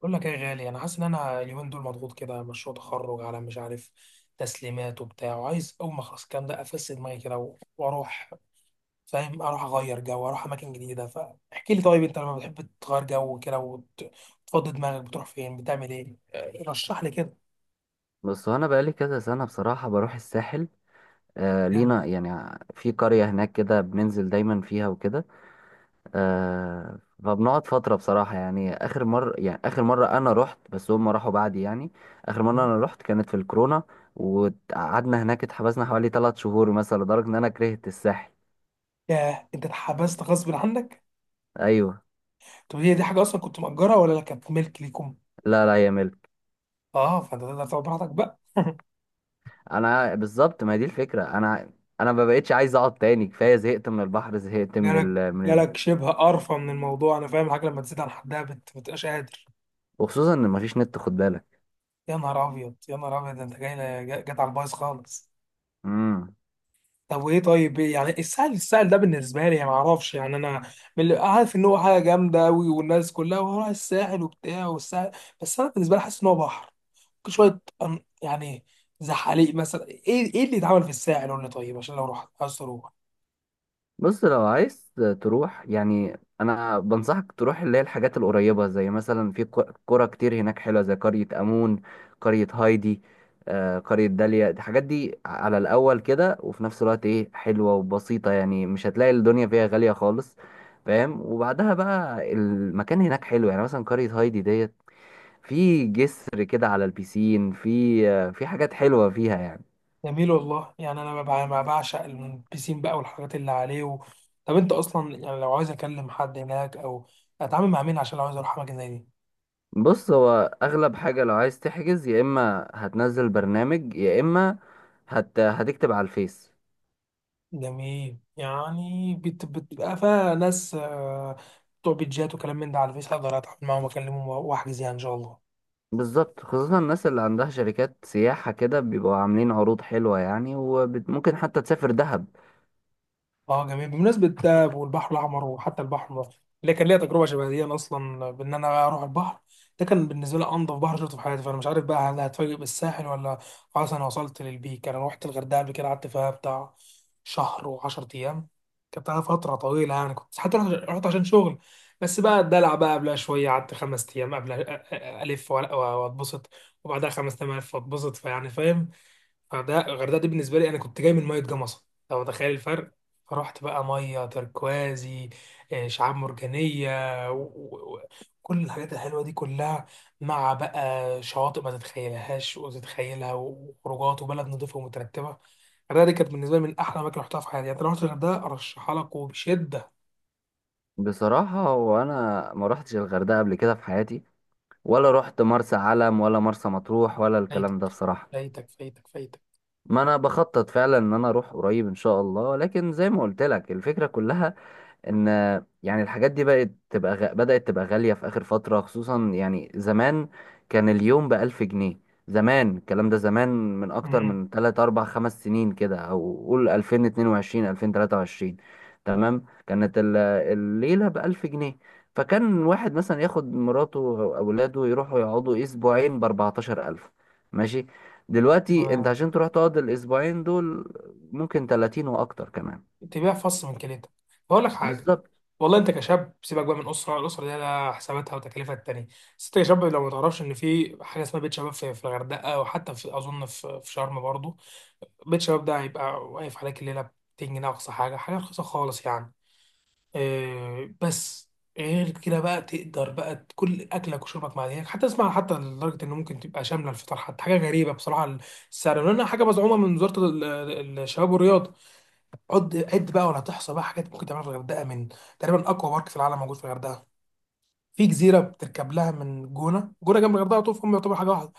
بقول لك ايه يا غالي، انا حاسس ان اليومين دول مضغوط كده، مشروع تخرج على مش عارف تسليمات وبتاع، وعايز اول ما اخلص الكلام ده افس دماغي كده و- واروح، فاهم؟ اروح اغير جو، اروح اماكن جديده. فاحكي لي، طيب انت لما بتحب تغير جو كده وت- وتفضي دماغك، بتروح فين؟ بتعمل ايه؟ آه، رشح لي كده. بس هو انا بقالي كذا سنه بصراحه بروح الساحل. آه، جامد. لينا يعني في قريه هناك كده بننزل دايما فيها وكده. آه، فبنقعد فتره بصراحه، يعني اخر مره انا رحت، بس هم راحوا بعدي، يعني اخر مره انا رحت كانت في الكورونا. وقعدنا هناك اتحبسنا حوالي 3 شهور مثلا، لدرجه ان انا كرهت الساحل. ياه، انت اتحبست غصب عنك؟ ايوه. طب هي دي حاجه اصلا كنت مأجرها ولا لا، كانت ملك ليكم؟ لا لا يا ملك. اه، فانت تقدر تقعد براحتك بقى. انا بالظبط، ما هي دي الفكره انا ما بقتش عايز اقعد تاني، كفايه، زهقت من البحر، زهقت جالك جالك شبه قرفه من الموضوع؟ انا فاهم، الحاجه لما تزيد عن حدها بتبقاش قادر. وخصوصا ان مفيش نت، خد بالك. يا نهار ابيض يا نهار ابيض، ده انت جاي، جت على البايظ خالص. امم. طب وايه؟ طيب إيه يعني السهل؟ السهل ده بالنسبه لي يعني، ما اعرفش يعني، انا من اللي عارف ان هو حاجه جامده قوي، والناس كلها وراح الساحل وبتاع والساحل، بس انا بالنسبه لي حاسس ان هو بحر، ممكن شويه يعني زحاليق مثلا. ايه ايه اللي اتعمل في الساحل؟ قول لي طيب، عشان لو رحت عايز اروح. بص، لو عايز تروح، يعني انا بنصحك تروح اللي هي الحاجات القريبه، زي مثلا في قرى كتير هناك حلوه، زي قريه امون، قريه هايدي، قريه داليا. الحاجات دي على الاول كده، وفي نفس الوقت ايه، حلوه وبسيطه، يعني مش هتلاقي الدنيا فيها غاليه خالص. فاهم؟ وبعدها بقى المكان هناك حلو، يعني مثلا قريه هايدي ديت، في جسر كده على البيسين، في حاجات حلوه فيها يعني. جميل والله. يعني انا ما بعشق البيسين بقى والحاجات اللي عليه طب انت اصلا يعني، لو عايز اكلم حد هناك او اتعامل مع مين عشان لو عايز اروح اماكن زي دي؟ بص، هو اغلب حاجة لو عايز تحجز، يا اما هتنزل برنامج، يا اما هتكتب على الفيس. جميل، يعني بتبقى فيها ناس آه، بتوع بيتجات وكلام من ده على الفيس، اقدر اتعامل معاهم واكلمهم واحجز يعني ان شاء الله. بالظبط، خصوصا الناس اللي عندها شركات سياحة كده بيبقوا عاملين عروض حلوة يعني، وممكن حتى تسافر دهب. اه جميل. بمناسبة ده، والبحر الأحمر وحتى البحر المتوسط، اللي كان ليا تجربة شبه دي، أنا أصلا بإن أنا أروح البحر، ده كان بالنسبة لي أنظف بحر شفته في حياتي. فأنا مش عارف بقى، هل هتفاجئ بالساحل ولا خلاص أنا وصلت للبيك؟ أنا روحت الغردقة قبل كده، قعدت فيها بتاع شهر وعشرة أيام، كانت على فترة طويلة. يعني كنت حتى رحت عشان شغل، بس بقى الدلع بقى قبلها شوية، قعدت خمس أيام قبل ألف وأ- وأتبسط، وبعدها خمس أيام ألف وأتبسط. فيعني فاهم؟ الغردقه، دي بالنسبه لي، انا كنت جاي من ميه جمصه، لو تخيل الفرق. فرحت بقى ميه تركوازي، آه، شعاب مرجانيه، وكل الحاجات الحلوه دي كلها، مع بقى شواطئ ما تتخيلهاش وتتخيلها، وخروجات، وبلد نظيفه ومترتبه. الغردقه دي كانت بالنسبه لي من احلى اماكن رحتها في حياتي. يعني لو رحت الغردقه، ارشحها لك وبشده. بصراحة وانا ما روحتش الغردقة قبل كده في حياتي، ولا روحت مرسى علم، ولا مرسى مطروح، ولا فايتك، الكلام ده بصراحة. فايتك. ما انا بخطط فعلا ان انا اروح قريب ان شاء الله، لكن زي ما قلت لك الفكرة كلها ان يعني الحاجات دي بقت تبقى بدأت تبقى غالية في آخر فترة خصوصا. يعني زمان كان اليوم بألف جنيه، زمان الكلام ده، زمان، من أكتر امم من 3 4 5 سنين كده، أو قول 2022، 2023. تمام، كانت الليلة بألف جنيه. فكان واحد مثلا ياخد مراته أو أولاده يروحوا يقعدوا أسبوعين بأربعتاشر ألف. ماشي. دلوقتي أنت تمام. عشان تروح تقعد الأسبوعين دول ممكن 30 وأكتر كمان. تبيع فص من كليتك. بقول لك حاجه، بالظبط. والله انت كشاب، سيبك بقى من اسره، الاسره دي لها حساباتها وتكلفها التانية، بس انت كشاب لو ما تعرفش ان في حاجه اسمها بيت شباب، في الغردقه وحتى في، اظن، في شرم برضه. بيت شباب ده هيبقى واقف عليك الليله ب 200 جنيه، اقصى حاجه، حاجه رخيصه خالص يعني. إيه بس، غير كده بقى تقدر بقى كل اكلك وشربك مع هناك حتى، اسمع حتى، لدرجه انه ممكن تبقى شامله الفطار حتى، حاجه غريبه بصراحه السعر، لانها حاجه مزعومه من وزاره الشباب والرياضه. عد عد بقى ولا تحصى بقى حاجات ممكن تعملها في الغردقه. من، تقريبا، اقوى بارك في العالم موجود في الغردقه، في جزيره بتركب لها من جونه، جنب الغردقه على طول، فهم يعتبر حاجه واحده،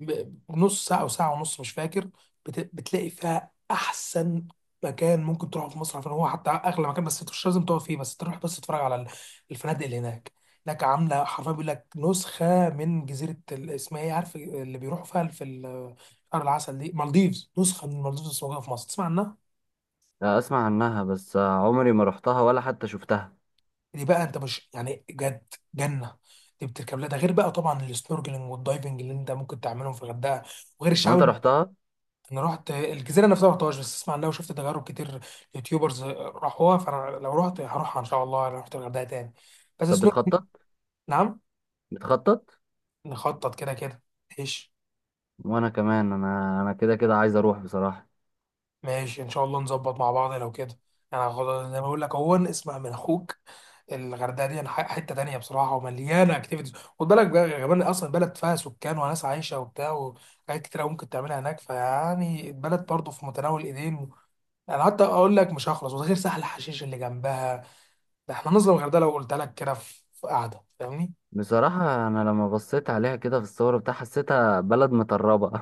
ب- بنص ساعه او ساعه ونص، مش فاكر. بتلاقي فيها احسن مكان ممكن تروحه في مصر، عشان هو حتى اغلى مكان، بس انت مش لازم تقف فيه، بس تروح بس تتفرج على الفنادق اللي هناك. هناك عامله حرفيا، بيقول لك، نسخه من جزيره اسمها ايه، عارف اللي بيروحوا فيها في شهر العسل، دي مالديفز. نسخه من مالديفز بس موجوده في مصر، تسمع عنها؟ لا، اسمع عنها بس عمري ما رحتها ولا حتى شفتها. دي بقى انت مش يعني، جد جنه. دي بتركب لها. ده غير بقى طبعا السنوركلينج والدايفنج اللي انت ممكن تعملهم في الغردقه، وغير هو الشعاب انت رحتها؟ انا رحت الجزيره نفسها، ما رحتهاش، بس اسمع عنها وشفت تجارب كتير، يوتيوبرز راحوها. فانا لو رحت هروحها ان شاء الله، لو رحت الغردقه تاني. بس طب سنوك. بتخطط؟ نعم؟ بتخطط؟ نخطط كده كده. ايش؟ وانا كمان، انا كده كده عايز اروح بصراحة. ماشي ان شاء الله نظبط مع بعض لو كده. انا يعني زي ما بقول لك اهو، اسمع من اخوك، الغردقه دي حته تانية بصراحه، ومليانه اكتيفيتيز. خد بالك بقى كمان، اصلا بلد فيها سكان وناس عايشه وبتاع، وحاجات كتير أوي ممكن تعملها هناك. فيعني، البلد برضه في متناول ايدين. انا حتى اقول لك مش هخلص، وده غير سهل حشيش اللي جنبها، ده احنا نظلم الغردقه لو قلت لك كده في، قعده، فاهمني؟ بصراحة انا لما بصيت عليها كده في الصور بتاع، حسيتها بلد متربة.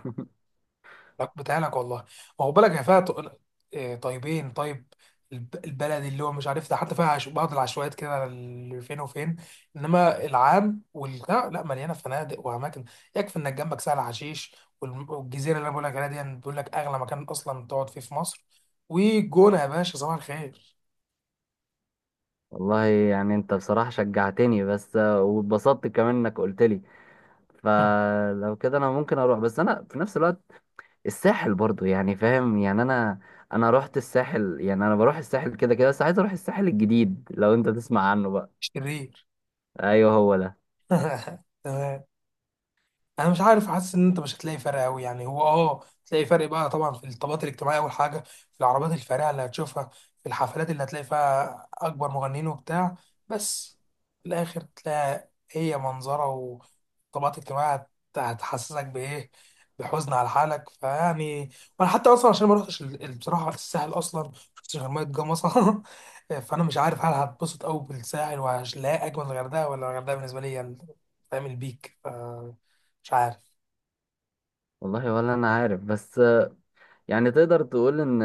لا، بتاعلك والله. ما هو بالك، هي فيها إيه، طيبين. طيب البلدي اللي هو مش عارف ده، حتى فيها بعض العشوائيات كده اللي فين وفين، انما العام والبتاع لا، مليانه فنادق واماكن. يكفي انك جنبك سهل حشيش، والم- والجزيره اللي انا بقول لك عليها دي، بيقول لك اغلى مكان اصلا تقعد فيه في مصر، والجونه يا باشا صباح الخير. والله يعني انت بصراحة شجعتني، بس واتبسطت كمان انك قلت لي. فلو كده انا ممكن اروح، بس انا في نفس الوقت الساحل برضو يعني، فاهم يعني؟ انا رحت الساحل، يعني انا بروح الساحل كده كده، بس عايز اروح الساحل الجديد لو انت تسمع عنه بقى. شرير. ايوه هو ده. تمام. انا مش عارف، حاسس ان انت مش هتلاقي فرق قوي، يعني هو اه تلاقي فرق بقى طبعا في الطبقات الاجتماعيه اول حاجه، في العربيات الفارهه اللي هتشوفها، في الحفلات اللي هتلاقي فيها اكبر مغنيين وبتاع، بس في الاخر تلاقي هي منظره وطبقات اجتماعيه هتحسسك بايه؟ بحزن على حالك. فيعني، وانا حتى اصلا عشان ما رحتش بصراحه الساحل اصلا، ما شفتش غير ميه جمصه فانا مش عارف هل هتبسط قوي بالساحل وهلاقي اجمل الغردقه، ولا الغردقه بالنسبه لي هي فاهم، البيك، مش عارف. والله ولا انا عارف، بس يعني تقدر تقول ان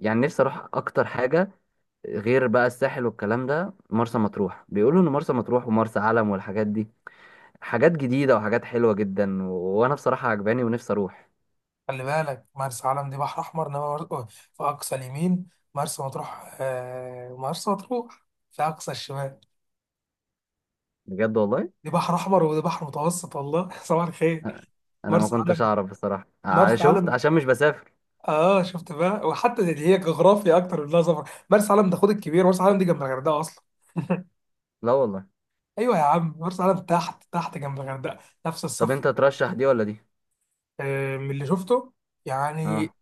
يعني نفسي اروح اكتر حاجه غير بقى الساحل والكلام ده، مرسى مطروح. بيقولوا ان مرسى مطروح ومرسى علم والحاجات دي حاجات جديده وحاجات حلوه جدا، وانا بصراحه عجباني ونفسي اروح. خلي بالك، مرسى علم دي بحر احمر، انما في اقصى اليمين، مرسى مطروح آه، مرسى مطروح في اقصى الشمال. بجد والله. دي بحر احمر وده بحر متوسط، والله صباح الخير. أ- انا ما مرسى كنتش علم، اعرف بصراحه، مرسى شفت علم عشان مش بسافر. اه شفت بقى، وحتى دي هي جغرافيا اكتر من انها سفر. مرسى علم ده، خد الكبير، مرسى علم دي جنب الغردقه اصلا. لا والله. ايوه يا عم، مرسى علم تحت تحت جنب الغردقه، نفس طب الصف. انت ترشح دي ولا دي؟ آه من اللي شفته يعني. اه.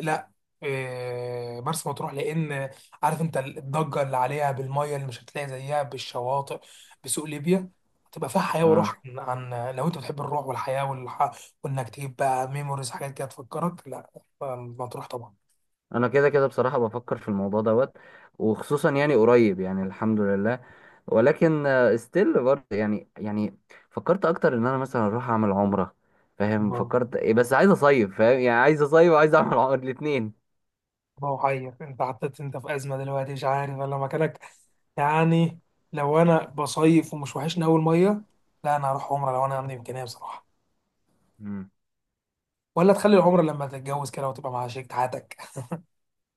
لا إيه، مرسى مطروح، لان، عارف انت الضجه اللي عليها، بالميه اللي مش هتلاقي زيها بالشواطئ، بسوق ليبيا، هتبقى فيها حياه وروح اه، عن، لو انت بتحب الروح والحياه وانك تجيب بقى ميموريز، حاجات كده تفكرك، لا مطروح طبعا. انا كده كده بصراحه بفكر في الموضوع دوت، وخصوصا يعني قريب، يعني الحمد لله. ولكن ستيل برضه يعني فكرت اكتر ان انا مثلا اروح اعمل عمره. فاهم؟ الله، فكرت إيه، بس عايز اصيف، فاهم يعني، عايز اصيف وعايز اعمل عمره الاثنين. الله حير، انت حطيت انت في ازمه دلوقتي، مش عارف انا مكانك يعني. لو انا بصيف ومش وحشني اول ميه، لا انا هروح عمره لو انا عندي امكانيه بصراحه، مم. ولا تخلي العمره لما تتجوز كده وتبقى مع شريك حياتك،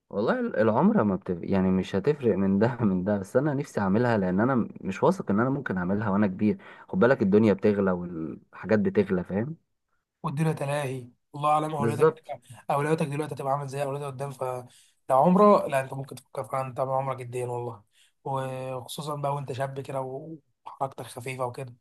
والله العمره ما بتف... يعني مش هتفرق من ده من ده، بس انا نفسي اعملها لان انا مش واثق ان انا ممكن اعملها وانا كبير. خد بالك الدنيا بتغلى والحاجات بتغلى، فاهم؟ والدنيا تلاهي، الله اعلم اولوياتك بالظبط. اولوياتك دلوقتي هتبقى عامله ازاي، اولوياتك قدام. فلو عمره، لا انت ممكن تفكر فعلا طبعا، عمرك جدا والله، وخصوصا بقى وانت شاب كده و- وحركتك خفيفه وكده.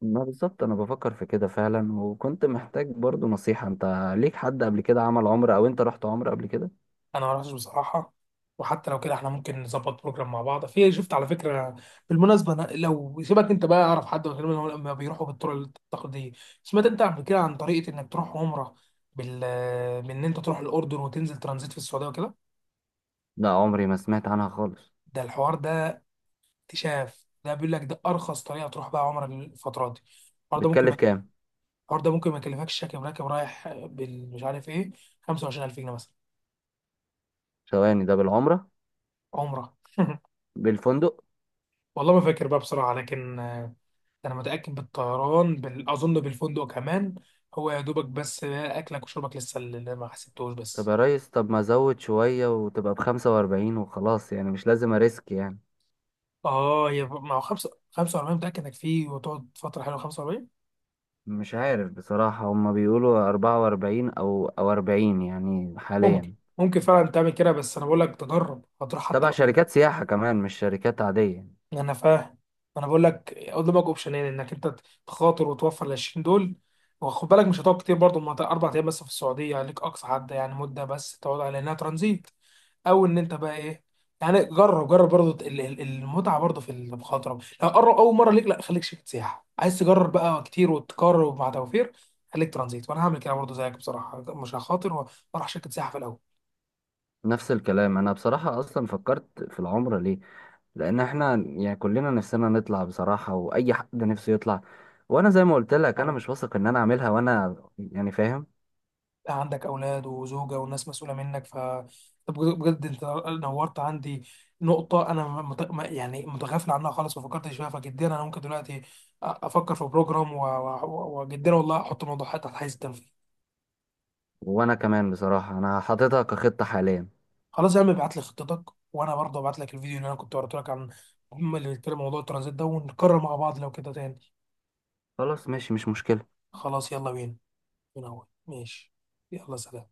ما بالظبط انا بفكر في كده فعلا، وكنت محتاج برضو نصيحة. انت ليك حد قبل كده عمل عمرة، او انت رحت عمرة قبل كده؟ انا ما رحتش بصراحه، وحتى لو كده احنا ممكن نظبط بروجرام مع بعض. في شفت على فكره بالمناسبه، أنا لو سيبك انت بقى، اعرف حد غير، لما بيروحوا بالطرق التقليديه، سمعت انت قبل كده عن طريقه انك تروح عمره بال، بان انت تروح الاردن وتنزل ترانزيت في السعوديه وكده؟ لا عمري ما سمعت عنها خالص. ده الحوار ده اكتشاف، ده بيقول لك ده ارخص طريقه تروح بقى عمره الفتره دي. الحوار ده ممكن بتكلف كام؟ ما يكلفكش، راكب راكب رايح بال مش عارف ايه، 25000 جنيه مثلا. ثواني، ده بالعمرة؟ عمره بالفندق؟ والله ما فاكر بقى بصراحه، لكن آه، انا متاكد بالطيران بال، اظن بالفندق كمان، هو يا دوبك بس اكلك وشربك لسه اللي ما حسبتوش طب بس. يا ريس، طب ما ازود شوية وتبقى بخمسة واربعين وخلاص، يعني مش لازم اريسك يعني. اه يا ما هو 5 45، متاكد انك فيه وتقعد فتره حلوه 45. مش عارف بصراحة، هما بيقولوا 44 أو 40 يعني ممكن، حاليا. ممكن فعلا تعمل كده، بس انا بقول لك تجرب، هتروح حتى تبع الأردن. شركات سياحة كمان، مش شركات عادية. انا فاهم، انا بقول لك قدامك اوبشنين، انك انت تخاطر وتوفر ال 20 دول، وخد بالك مش هتقعد كتير برضه، ما اربع ايام بس في السعوديه عليك اقصى حد يعني مده، بس تقعد على انها ترانزيت، او ان انت بقى ايه يعني، جرب جرب برضه المتعه برضه في المخاطره، لو قرب اول مره ليك لا، خليك شركه سياحه، عايز تجرب بقى كتير وتكرر مع توفير، خليك ترانزيت. وانا هعمل كده برضه زيك بصراحه، مش هخاطر، واروح شركه سياحه في الاول. نفس الكلام. أنا بصراحة أصلا فكرت في العمرة ليه؟ لأن إحنا يعني كلنا نفسنا نطلع بصراحة، وأي حد نفسه يطلع. وأنا زي ما قلت لك أنا طبعا مش واثق إن أنا أعملها وأنا يعني، فاهم؟ عندك أولاد وزوجة وناس مسؤولة منك، ف، طب بجد بجد أنت نورت عندي نقطة، أنا مت... ما- يعني متغافل عنها خالص، ما فكرتش فيها. فجديا أنا ممكن دلوقتي أفكر في بروجرام و- و- و- وجديا والله أحط الموضوع حتى تحت حيز التنفيذ. وانا كمان بصراحة انا حاططها كخطة حاليا. خلاص يا عم، ابعت لي خطتك وأنا برضه ابعت لك الفيديو اللي أنا كنت وريته لك، عن هم اللي بيتكلم موضوع الترانزيت ده، ونكرر مع بعض لو كده تاني. خلاص ماشي، مش مشكلة. خلاص يلا بينا، من أول ماشي. يلا سلام.